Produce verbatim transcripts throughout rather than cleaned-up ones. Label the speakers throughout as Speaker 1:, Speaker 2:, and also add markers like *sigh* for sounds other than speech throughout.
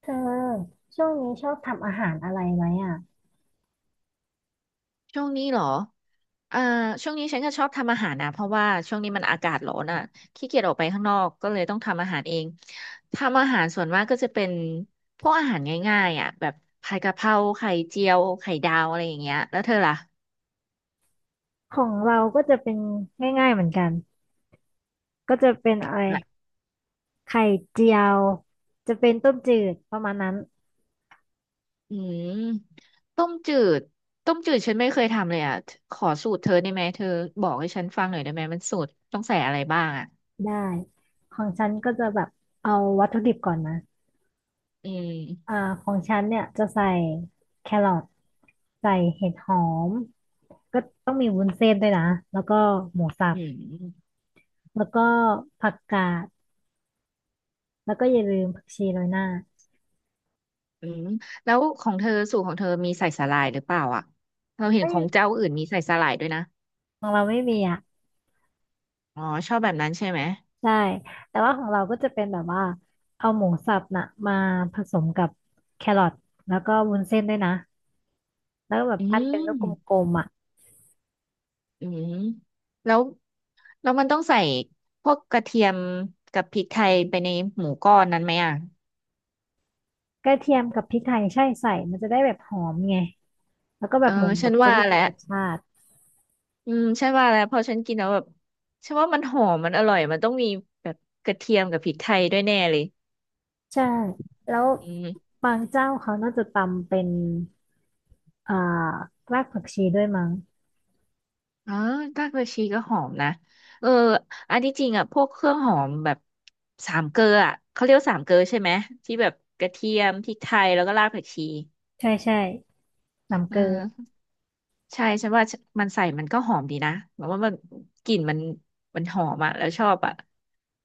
Speaker 1: เธอช่วงนี้ชอบทำอาหารอะไรไหมอ่ะ
Speaker 2: ช่วงนี้เหรออ่าช่วงนี้ฉันก็ชอบทำอาหารนะเพราะว่าช่วงนี้มันอากาศร้อนอ่ะขี้เกียจออกไปข้างนอก ก็เลยต้องทำอาหารเอง ทำอาหารส่วนมากก็จะเป็นพวกอาหารง่ายๆอ่ะแบบผัดกะเพราไข่เจียว ไข่ดาวอะไรอย่างเงี้ยแล้วเธอล่ะ
Speaker 1: ของเราก็จะเป็นง่ายๆเหมือนกันก็จะเป็นอะไร
Speaker 2: อะ
Speaker 1: ไข่เจียวจะเป็นต้มจืดประมาณนั้น
Speaker 2: อืมต้มจืดต้มจืดฉันไม่เคยทำเลยอ่ะขอสูตรเธอได้ไหมเธอบอกให้ฉันฟังหน่อยได้ไหมมันสูตรต้องใส่อะไรบ้างอ่ะ
Speaker 1: ได้ของฉันก็จะแบบเอาวัตถุดิบก่อนนะ
Speaker 2: อื
Speaker 1: อ่า
Speaker 2: ม
Speaker 1: ของฉันเนี่ยจะใส่แครอทใส่เห็ดหอมก็ต้องมีวุ้นเส้นด้วยนะแล้วก็หมูสั
Speaker 2: อื
Speaker 1: บ
Speaker 2: ม
Speaker 1: แล้วก็ผักกาดแล้วก็อย่าลืมผักชีโรยหน้า
Speaker 2: อืมแล้วของเธอสูตรของเธอมีใส่สาหร่ายหรือเปล่าอ่ะเราเห็น
Speaker 1: เอ้
Speaker 2: ข
Speaker 1: ย
Speaker 2: องเจ้าอื่นมีใส่สาหร่ายด้วยนะ
Speaker 1: ของเราไม่มีอ่ะ
Speaker 2: อ๋อชอบแบบนั้นใช่ไหม
Speaker 1: ใช่ แต่ว่าของเราก็จะเป็นแบบว่าเอาหมูสับน่ะมาผสมกับแครอทแล้วก็วุ้นเส้นด้วยนะ แล้วก็แบบ
Speaker 2: อื
Speaker 1: ปั้นเป็นลู
Speaker 2: ม
Speaker 1: กกลมๆอ่ะ
Speaker 2: อืมแล้วแล้วมันต้องใส่พวกกระเทียมกับพริกไทยไปในหมูก้อนนั้นไหมอ่ะ
Speaker 1: กระเทียมกับพริกไทยใช่ใส่มันจะได้แบบหอมไงแล้วก็แบ
Speaker 2: เออ
Speaker 1: บหมู
Speaker 2: ฉั
Speaker 1: แบ
Speaker 2: น
Speaker 1: บจะ
Speaker 2: ว่า
Speaker 1: ได้
Speaker 2: แห
Speaker 1: มี
Speaker 2: ละ
Speaker 1: รสชาติ
Speaker 2: อืมฉันว่าแล้วพอฉันกินแล้วแบบฉันว่ามันหอมมันอร่อยมันต้องมีแบบกระเทียมกับพริกไทยด้วยแน่เลย
Speaker 1: ใช่ แล้ว
Speaker 2: อืม
Speaker 1: บางเจ้าเขาน่าจะตำเป็นอ่ารากผักชีด้วยมั้ง
Speaker 2: อ๋อรากผักชีก็หอมนะเอออันที่จริงอ่ะพวกเครื่องหอมแบบสามเกลืออ่ะเขาเรียกว่าสามเกลือใช่ไหมที่แบบกระเทียมพริกไทยแล้วก็รากผักชี
Speaker 1: ใช่ใช่น้ำ
Speaker 2: เ
Speaker 1: เกลือ
Speaker 2: ออใช่ฉันว่ามันใส่มันก็หอมดีนะแบบว่ามันกลิ่นมันมันหอมอ่ะแล้วชอบอ่ะ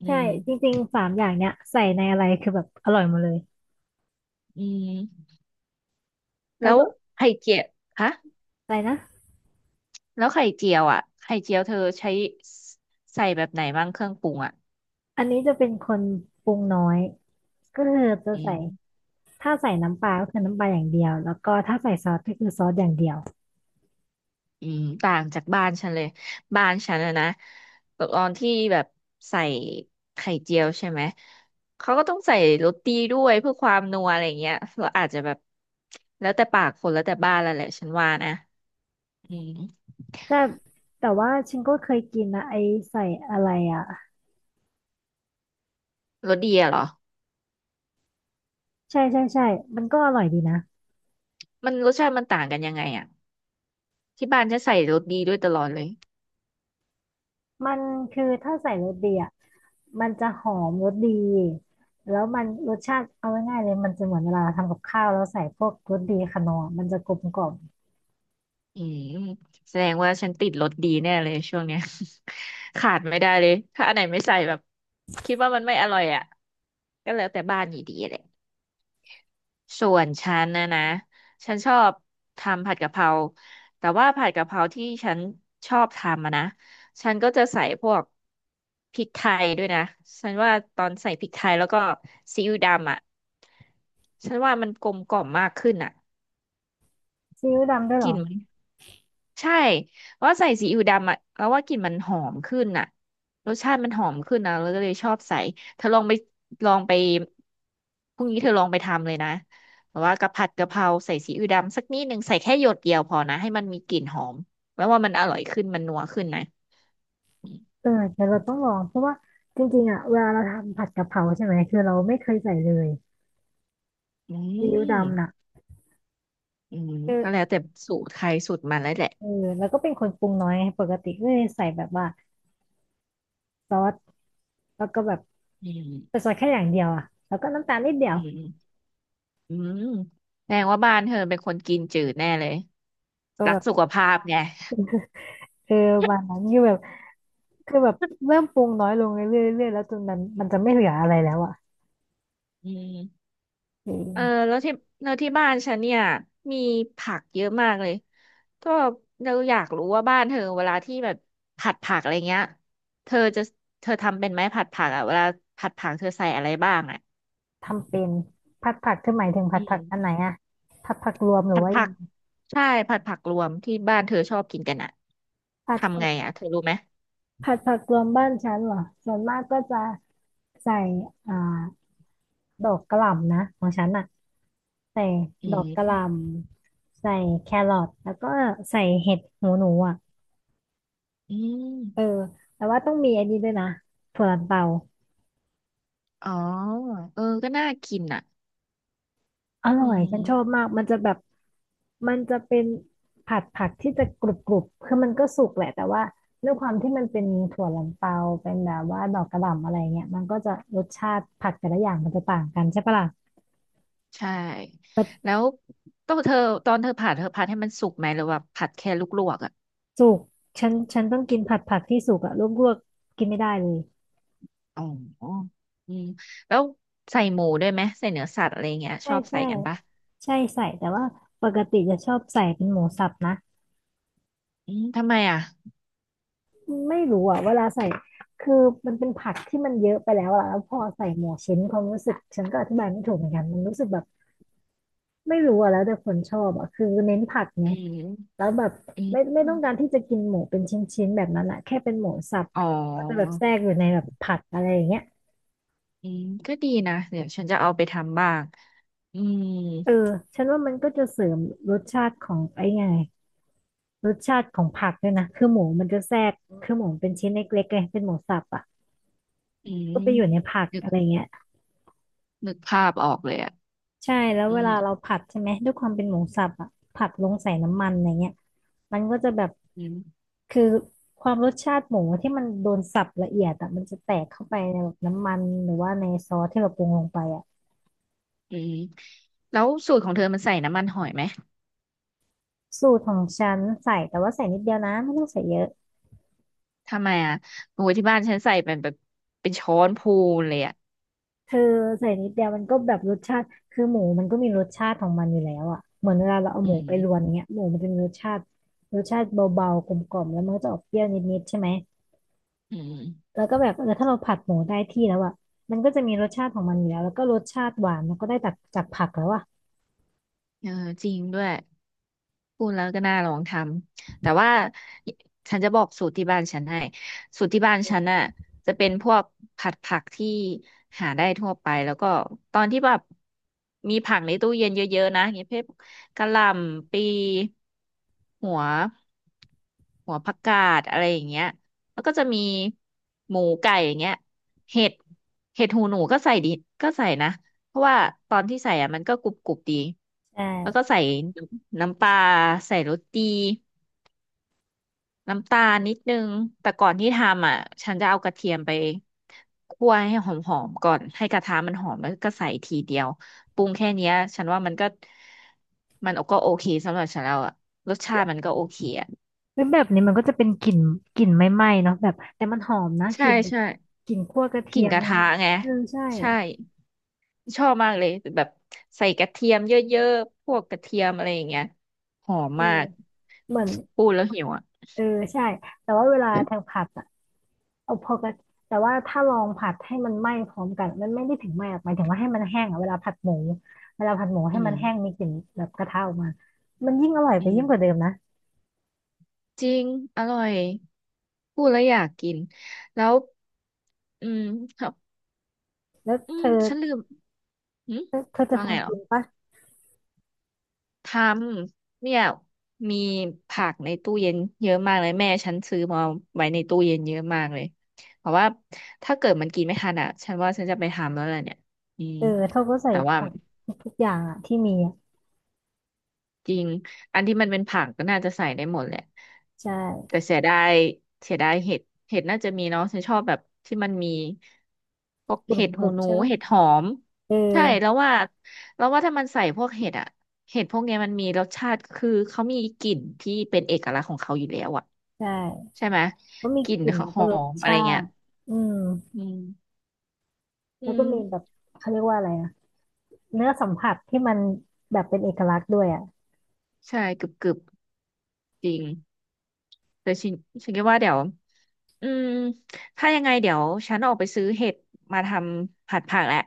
Speaker 2: อื
Speaker 1: ใช่
Speaker 2: ม
Speaker 1: จริงๆสามอย่างเนี้ยใส่ในอะไรคือแบบอร่อยหมดเลย
Speaker 2: อืม
Speaker 1: แล้ว
Speaker 2: แล้ว
Speaker 1: แบบ
Speaker 2: ไข่เจียวฮะ
Speaker 1: อะไรนะ
Speaker 2: แล้วไข่เจียวอ่ะไข่เจียวเธอใช้ใส่แบบไหนบ้างเครื่องปรุงอ่ะ
Speaker 1: อันนี้จะเป็นคนปรุงน้อย ก็คือจะ
Speaker 2: อื
Speaker 1: ใส่
Speaker 2: ม
Speaker 1: ถ้าใส่น้ำปลาก็คือน้ำปลาอย่างเดียวแล้วก็ถ้าใส่ซอสก็คือซอสอย่างเดียว
Speaker 2: อืมต่างจากบ้านฉันเลยบ้านฉันอะนะตอนที่แบบใส่ไข่เจียวใช่ไหมเขาก็ต้องใส่โรตีด้วยเพื่อความนัวอะไรเงี้ยเราอาจจะแบบแล้วแต่ปากคนแล้วแต่บ้านแล้วแหละฉันว่านะอืม
Speaker 1: แต่แต่ว่าฉันก็เคยกินนะไอใส่อะไรอ่ะ
Speaker 2: รสดีอะเหรอ
Speaker 1: ใช่ใช่ใช่มันก็อร่อยดีนะ
Speaker 2: มันรสชาติมันต่างกันยังไงอะที่บ้านฉันใส่รสดีด้วยตลอดเลย
Speaker 1: มันคือถ้าใส่รสดีอ่ะมันจะหอมรสดีแล้วมันรสชาติเอาง่ายๆเลยมันจะเหมือนเวลาเราทำกับข้าวแล้วใส่พวกรสดีขนอร์มันจะกลมกล่อม
Speaker 2: อืมแสดงว่าฉันติดรสดีแน่เลยช่วงเนี้ย *laughs* ขาดไม่ได้เลยถ้าอันไหนไม่ใส่แบบคิดว่ามันไม่อร่อยอ่ะก็แล้วแต่บ้านอยู่ดีแหละ ส่วนฉันนะนะ ฉันชอบทำผัดกะเพราแต่ว่าผัดกะเพราที่ฉันชอบทำอะนะ ฉันก็จะใส่พวกพริกไทยด้วยนะ ฉันว่าตอนใส่พริกไทยแล้วก็ซีอิ๊วดำอะฉันว่ามันกลมกล่อมมากขึ้นอะ
Speaker 1: ซีอิ๊วดำด้วย
Speaker 2: ก
Speaker 1: เหร
Speaker 2: ลิ่
Speaker 1: อ
Speaker 2: นมัน ใช่เพราะว่าใส่ซีอิ๊วดำอ่ะแล้วว่ากลิ่นมันหอมขึ้นอ่ะ รสชาติมันหอมขึ้นนะเราก็เลยชอบใส่เธอลองไปลองไปพรุ่งนี้เธอลองไปทำเลยนะแบบว่ากะผัดกะเพราใส่ซีอิ๊วดำสักนิดนึงใส่แค่หยดเดียวพอนะ ให้มันมีกลิ่นหอม แล้วว่ามันอร่อยขึ้น มันนัวขึ้นนะ
Speaker 1: เออเดี๋ยวเราต้องลองเพราะว่าจริงๆอ่ะเวลาเราทำผัดกะเพราใช่ไหมคือเราไม่เคยใส่เลย
Speaker 2: อื
Speaker 1: ซีอิ๊ว
Speaker 2: ม
Speaker 1: ดำน่ะ
Speaker 2: อืม
Speaker 1: เออ
Speaker 2: ก็แล้วแต่สูตรใครสูตรมันแล้วแหละ
Speaker 1: เออแล้วก็เป็นคนปรุงน้อยไงปกติก็เลยใส่แบบว่าซอสแล้วก็แบบ
Speaker 2: อื
Speaker 1: เป็่
Speaker 2: ม
Speaker 1: ซอสแค่อย่างเดียวอะแล้วก็น้ำตาลนิดเดีย
Speaker 2: อื
Speaker 1: ว
Speaker 2: มอืมแสดงว่าบ้านเธอเป็นคนกินจืดแน่เลย
Speaker 1: ก็
Speaker 2: รั
Speaker 1: แบ
Speaker 2: ก
Speaker 1: บ
Speaker 2: สุขภาพไง
Speaker 1: เออวันนั้นคือแบบคือแบบเริ่มปรุงน้อยลงเรื่อยๆเรื่อยๆแล้วจนมันมันจะไม่เหลืออะไรแล้วอะ
Speaker 2: อืม
Speaker 1: เ
Speaker 2: เออ
Speaker 1: ออ
Speaker 2: แล้วที่แล้วที่บ้านฉันเนี่ยมีผักเยอะมากเลยก็เราอยากรู้ว่าบ้านเธอเวลาที่แบบผัดผักอะไรเงี้ยเธอจะเธอทำเป็นไหมผัดผักอ่ะเวลาผัดผักเธอใส่อะไรบ้างอ่ะ
Speaker 1: ทำเป็นผัดผักคือหมายถึงผั
Speaker 2: อื
Speaker 1: ดผัก
Speaker 2: ม
Speaker 1: อันไหนอะผัดผักรวมหรือ
Speaker 2: ผัด
Speaker 1: ว่า
Speaker 2: ผั
Speaker 1: ยัง
Speaker 2: ก
Speaker 1: ไง
Speaker 2: ใช่ผัดผักรวมที่บ้านเธอชอบกินกันอ่ะ
Speaker 1: ผัด
Speaker 2: ทำ
Speaker 1: ผั
Speaker 2: ไง
Speaker 1: ก
Speaker 2: อ่ะเธอรู้ไหม
Speaker 1: ผัดผักรวมบ้านฉันเหรอส่วนมากก็จะใส่อ่าดอกกะหล่ำนะของฉันอะ ใส่
Speaker 2: อื
Speaker 1: ดอกกะหล่
Speaker 2: ม
Speaker 1: ำใส่แครอทแล้วก็ใส่เห็ดหูหนูอ่ะ
Speaker 2: อื
Speaker 1: เออ
Speaker 2: ม
Speaker 1: แต่ว่าต้องมีอันนี้ด้วยนะถั่วลันเตา
Speaker 2: อ๋อเออก็น่ากินอ่ะ
Speaker 1: อ
Speaker 2: อื
Speaker 1: ร่อยฉั
Speaker 2: ม
Speaker 1: นชอบมากมันจะแบบมันจะเป็นผัดผักที่จะกรุบกรุบคือมันก็สุกแหละแต่ว่าด้วยความที่มันเป็นถั่วลันเตาเป็นแบบว่าดอกกระหล่ำอะไรเงี้ยมันก็จะรสชาติผักแต่ละอย่างมันจะต่างกันใช่ปะล่ะ
Speaker 2: ใช่
Speaker 1: แต่
Speaker 2: แล้วต้องเธอตอนเธอผัดเธอผัดให้มันสุกไหมหรือว่าผัดแค่ลวกๆอ่ะ
Speaker 1: สุกฉันฉันต้องกินผัดผักที่สุกอะลวกๆกินไม่ได้เลย
Speaker 2: อ๋ออืมแล้วใส่หมูด้วยไหมใส่เนื้อสัตว์อะไรเงี้ยช
Speaker 1: ใช่
Speaker 2: อบ
Speaker 1: ใช่
Speaker 2: ใส่กันปะ
Speaker 1: ใช่ใส่แต่ว่าปกติจะชอบใส่เป็นหมูสับนะ
Speaker 2: อืมทำไมอ่ะ
Speaker 1: ไม่รู้อ่ะเวลาใส่คือมันเป็นผักที่มันเยอะไปแล้วอะแล้วพอใส่หมูชิ้นความรู้สึกฉันก็อธิบายไม่ถูกเหมือนกันมันรู้สึกแบบไม่รู้อ่ะแล้วแต่คนชอบอ่ะคือเน้นผักไง
Speaker 2: อื
Speaker 1: แล้
Speaker 2: ม
Speaker 1: วแบบ
Speaker 2: อื
Speaker 1: ไม่
Speaker 2: ม
Speaker 1: ไม่ต้องการที่จะกินหมูเป็นชิ้นๆแบบนั้นอะแค่เป็นหมูสับ
Speaker 2: อ๋อ
Speaker 1: ก็จะแบบแทรกอยู่ในแบบผักอะไรอย่างเงี้ย
Speaker 2: อืมก็ดีนะเดี๋ยวฉันจะเอาไปทำบ้างอืม
Speaker 1: เออฉันว่ามันก็จะเสริมรสชาติของไอ้ไงรสชาติของผักด้วยนะคือหมูมันจะแทรกคือหมูมันเป็นชิ้นเล็กๆไงเป็นหมูสับอ่ะ
Speaker 2: อืม
Speaker 1: ก็ไปอยู่ในผัก
Speaker 2: นึก
Speaker 1: อะไรเงี้ย
Speaker 2: นึกภาพออกเลยอ่ะ
Speaker 1: ใช่แล้ว
Speaker 2: อื
Speaker 1: เว
Speaker 2: ม
Speaker 1: ลาเราผัดใช่ไหมด้วยความเป็นหมูสับอ่ะผัดลงใส่น้ำมันอะไรเงี้ยมันก็จะแบบ
Speaker 2: อืม
Speaker 1: คือความรสชาติหมูที่มันโดนสับละเอียดอ่ะมันจะแตกเข้าไปในแบบน้ำมันหรือว่าในซอสที่เราปรุงลงไปอ่ะ
Speaker 2: อืมแล้วสูตรของเธอมันใส่น้ำมันหอยไหม
Speaker 1: สูตรของฉันใส่แต่ว่าใส่นิดเดียวนะไม่ต้องใส่เยอะ
Speaker 2: ทำไมอ่ะโอ้ยที่บ้านฉันใส่เป็นแบบเป็นช้อนพูนเลยอ่ะ
Speaker 1: เธอใส่นิดเดียวมันก็แบบรสชาติคือหมูมันก็มีรสชาติของมันอยู่แล้วอ่ะเหมือนเวลาเราเอา
Speaker 2: อื
Speaker 1: หมูไปรวน
Speaker 2: ม
Speaker 1: เงี้ยหมูมันจะมีรสชาติรสชาติเบาๆกลมๆแล้วมันก็จะออกเปรี้ยวนิดๆใช่ไหม
Speaker 2: อืม
Speaker 1: แล้วก็แบบเออถ้าเราผัดหมูได้ที่แล้วอ่ะมันก็จะมีรสชาติของมันอยู่แล้วแล้วก็รสชาติหวานมันก็ได้จากจากผักแล้วอ่ะ
Speaker 2: เออจริงด้วย พูดแล้วก็น่าลองทำแต่ว่าฉันจะบอกสูตรที่บ้านฉันให้สูตรที่บ้านฉันน่ะจะเป็นพวกผัดผักที่หาได้ทั่วไปแล้วก็ตอนที่แบบมีผักในตู้เย็นเยอะๆนะอย่างเงี้ยพวกกะหล่ำปลีหัวหัวผักกาดอะไรอย่างเงี้ยแล้วก็จะมีหมูไก่อย่างเงี้ยเห็ดเห็ดหูหนูก็ใส่ดิก็ใส่นะ เพราะว่าตอนที่ใส่อ่ะมันก็กรุบกรุบดี
Speaker 1: ใช่
Speaker 2: แล้วก็ใส่น้ำปลาใส่รสดีน้ำตาลนิดนึงแต่ก่อนที่ทำอ่ะฉันจะเอากระเทียมไปคั่วให้หอมๆก่อนให้กระทะมันหอมแล้วก็ใส่ทีเดียวปรุงแค่เนี้ยฉันว่ามันก็มันก็โอเคสำหรับฉันแล้วอ่ะรสชาติมันก็โอเคอ่ะ
Speaker 1: เฮ้ยแบบนี้มันก็จะเป็นกลิ่นกลิ่นไม่ไหม้เนาะแบบแต่มันหอมนะก
Speaker 2: ใช่
Speaker 1: ลิ่นแบบ
Speaker 2: ใช่
Speaker 1: กลิ่นคั่วกระ
Speaker 2: ก
Speaker 1: เที
Speaker 2: ลิ่น
Speaker 1: ยม
Speaker 2: กระ
Speaker 1: ไม่
Speaker 2: ทะ
Speaker 1: ไหม้
Speaker 2: ไง
Speaker 1: เออใช่
Speaker 2: ใช่ ชอบมากเลยแบบใส่กระเทียมเยอะๆพวกกระเทียมอะไรอย่างเงี้ยหอม
Speaker 1: เออ
Speaker 2: มาก
Speaker 1: เหมือน
Speaker 2: พูดแล้วหิวอ่ะ
Speaker 1: เออใช่แต่ว่าเวลาทางผัดอ่ะเอาพอกระแต่ว่าถ้าลองผัดให้มันไหม้พร้อมกันมันไม่ได้ถึงไหม้หรอกหมายถึงว่าให้มันแห้งอ่ะเวลาผัดหมูเวลาผัดหมูให้
Speaker 2: อื
Speaker 1: มั
Speaker 2: ม
Speaker 1: นแห้งมีกลิ่นแบบกระทะออกมามันยิ่งอร่อย
Speaker 2: อื
Speaker 1: ไปยิ่งกว่าเดิ
Speaker 2: ม
Speaker 1: มนะ
Speaker 2: จริงอร่อยพูดแล้วอยากกินแล้วอืมครับ
Speaker 1: แล้ว
Speaker 2: อื
Speaker 1: เธ
Speaker 2: ม
Speaker 1: อ
Speaker 2: ฉันลืมหืม
Speaker 1: เธอเธอจะ
Speaker 2: ว่าไงเห
Speaker 1: ทำ
Speaker 2: รอ
Speaker 1: กินปะ
Speaker 2: ทำเนี่ยมีผักในตู้เย็นเยอะมากเลยแม่ฉันซื้อมาไว้ในตู้เย็นเยอะมากเลยเพราะว่าถ้าเกิดมันกินไม่ทันอ่ะฉันว่าฉันจะไปทำแล้วแหละเนี่ยอืม
Speaker 1: เออเธอก็ใส่
Speaker 2: แต่ว่า
Speaker 1: ผักทุกอย่างอะที่มีอะ
Speaker 2: จริง อันที่มันเป็นผักก็น่าจะใส่ได้หมดแหละ
Speaker 1: ใช
Speaker 2: แต่
Speaker 1: ่
Speaker 2: เสียดายเสียดายเห็ดเห็ดน่าจะมีเนาะฉันชอบแบบที่มันมีพวก
Speaker 1: กรุ
Speaker 2: เห็
Speaker 1: บ
Speaker 2: ด
Speaker 1: ก
Speaker 2: หู
Speaker 1: รุบ
Speaker 2: หนู
Speaker 1: ใช่ปะ
Speaker 2: เห็ดหอม
Speaker 1: เออ
Speaker 2: ใช่แล้วว่าแล้วว่าถ้ามันใส่พวกเห็ดอะเห็ดพวกเนี้ยมันมีรสชาติคือเขามีกลิ่นที่เป็นเอกลักษณ์ของเขาอยู่แล้วอะ
Speaker 1: ใช่
Speaker 2: ใช่ไหม
Speaker 1: ก็มี
Speaker 2: กลิ่น
Speaker 1: กลิ่น
Speaker 2: เขา
Speaker 1: แล้ว
Speaker 2: ห
Speaker 1: ก็
Speaker 2: อ
Speaker 1: รส
Speaker 2: มอะไร
Speaker 1: ชา
Speaker 2: เงี้ย
Speaker 1: ติอืม
Speaker 2: อืมอื
Speaker 1: แล้วก็มีแบ
Speaker 2: ม
Speaker 1: บเขาเรียกว่าอะไรอ่ะเนื้อสัมผัสที่มันแบบเป็นเอกลักษณ์ด้วยอ่ะ
Speaker 2: ใช่กึบกึบจริง เดี๋ยวฉันฉันคิดว่าเดี๋ยวอืมถ้ายังไงเดี๋ยวฉันออกไปซื้อเห็ดมาทำผัดผักแหละ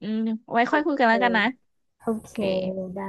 Speaker 2: อืมไว้
Speaker 1: โอ
Speaker 2: ค่อยคุยกั
Speaker 1: เค
Speaker 2: นแล้วกันนะ
Speaker 1: โอ
Speaker 2: โอ
Speaker 1: เค
Speaker 2: เค
Speaker 1: ได้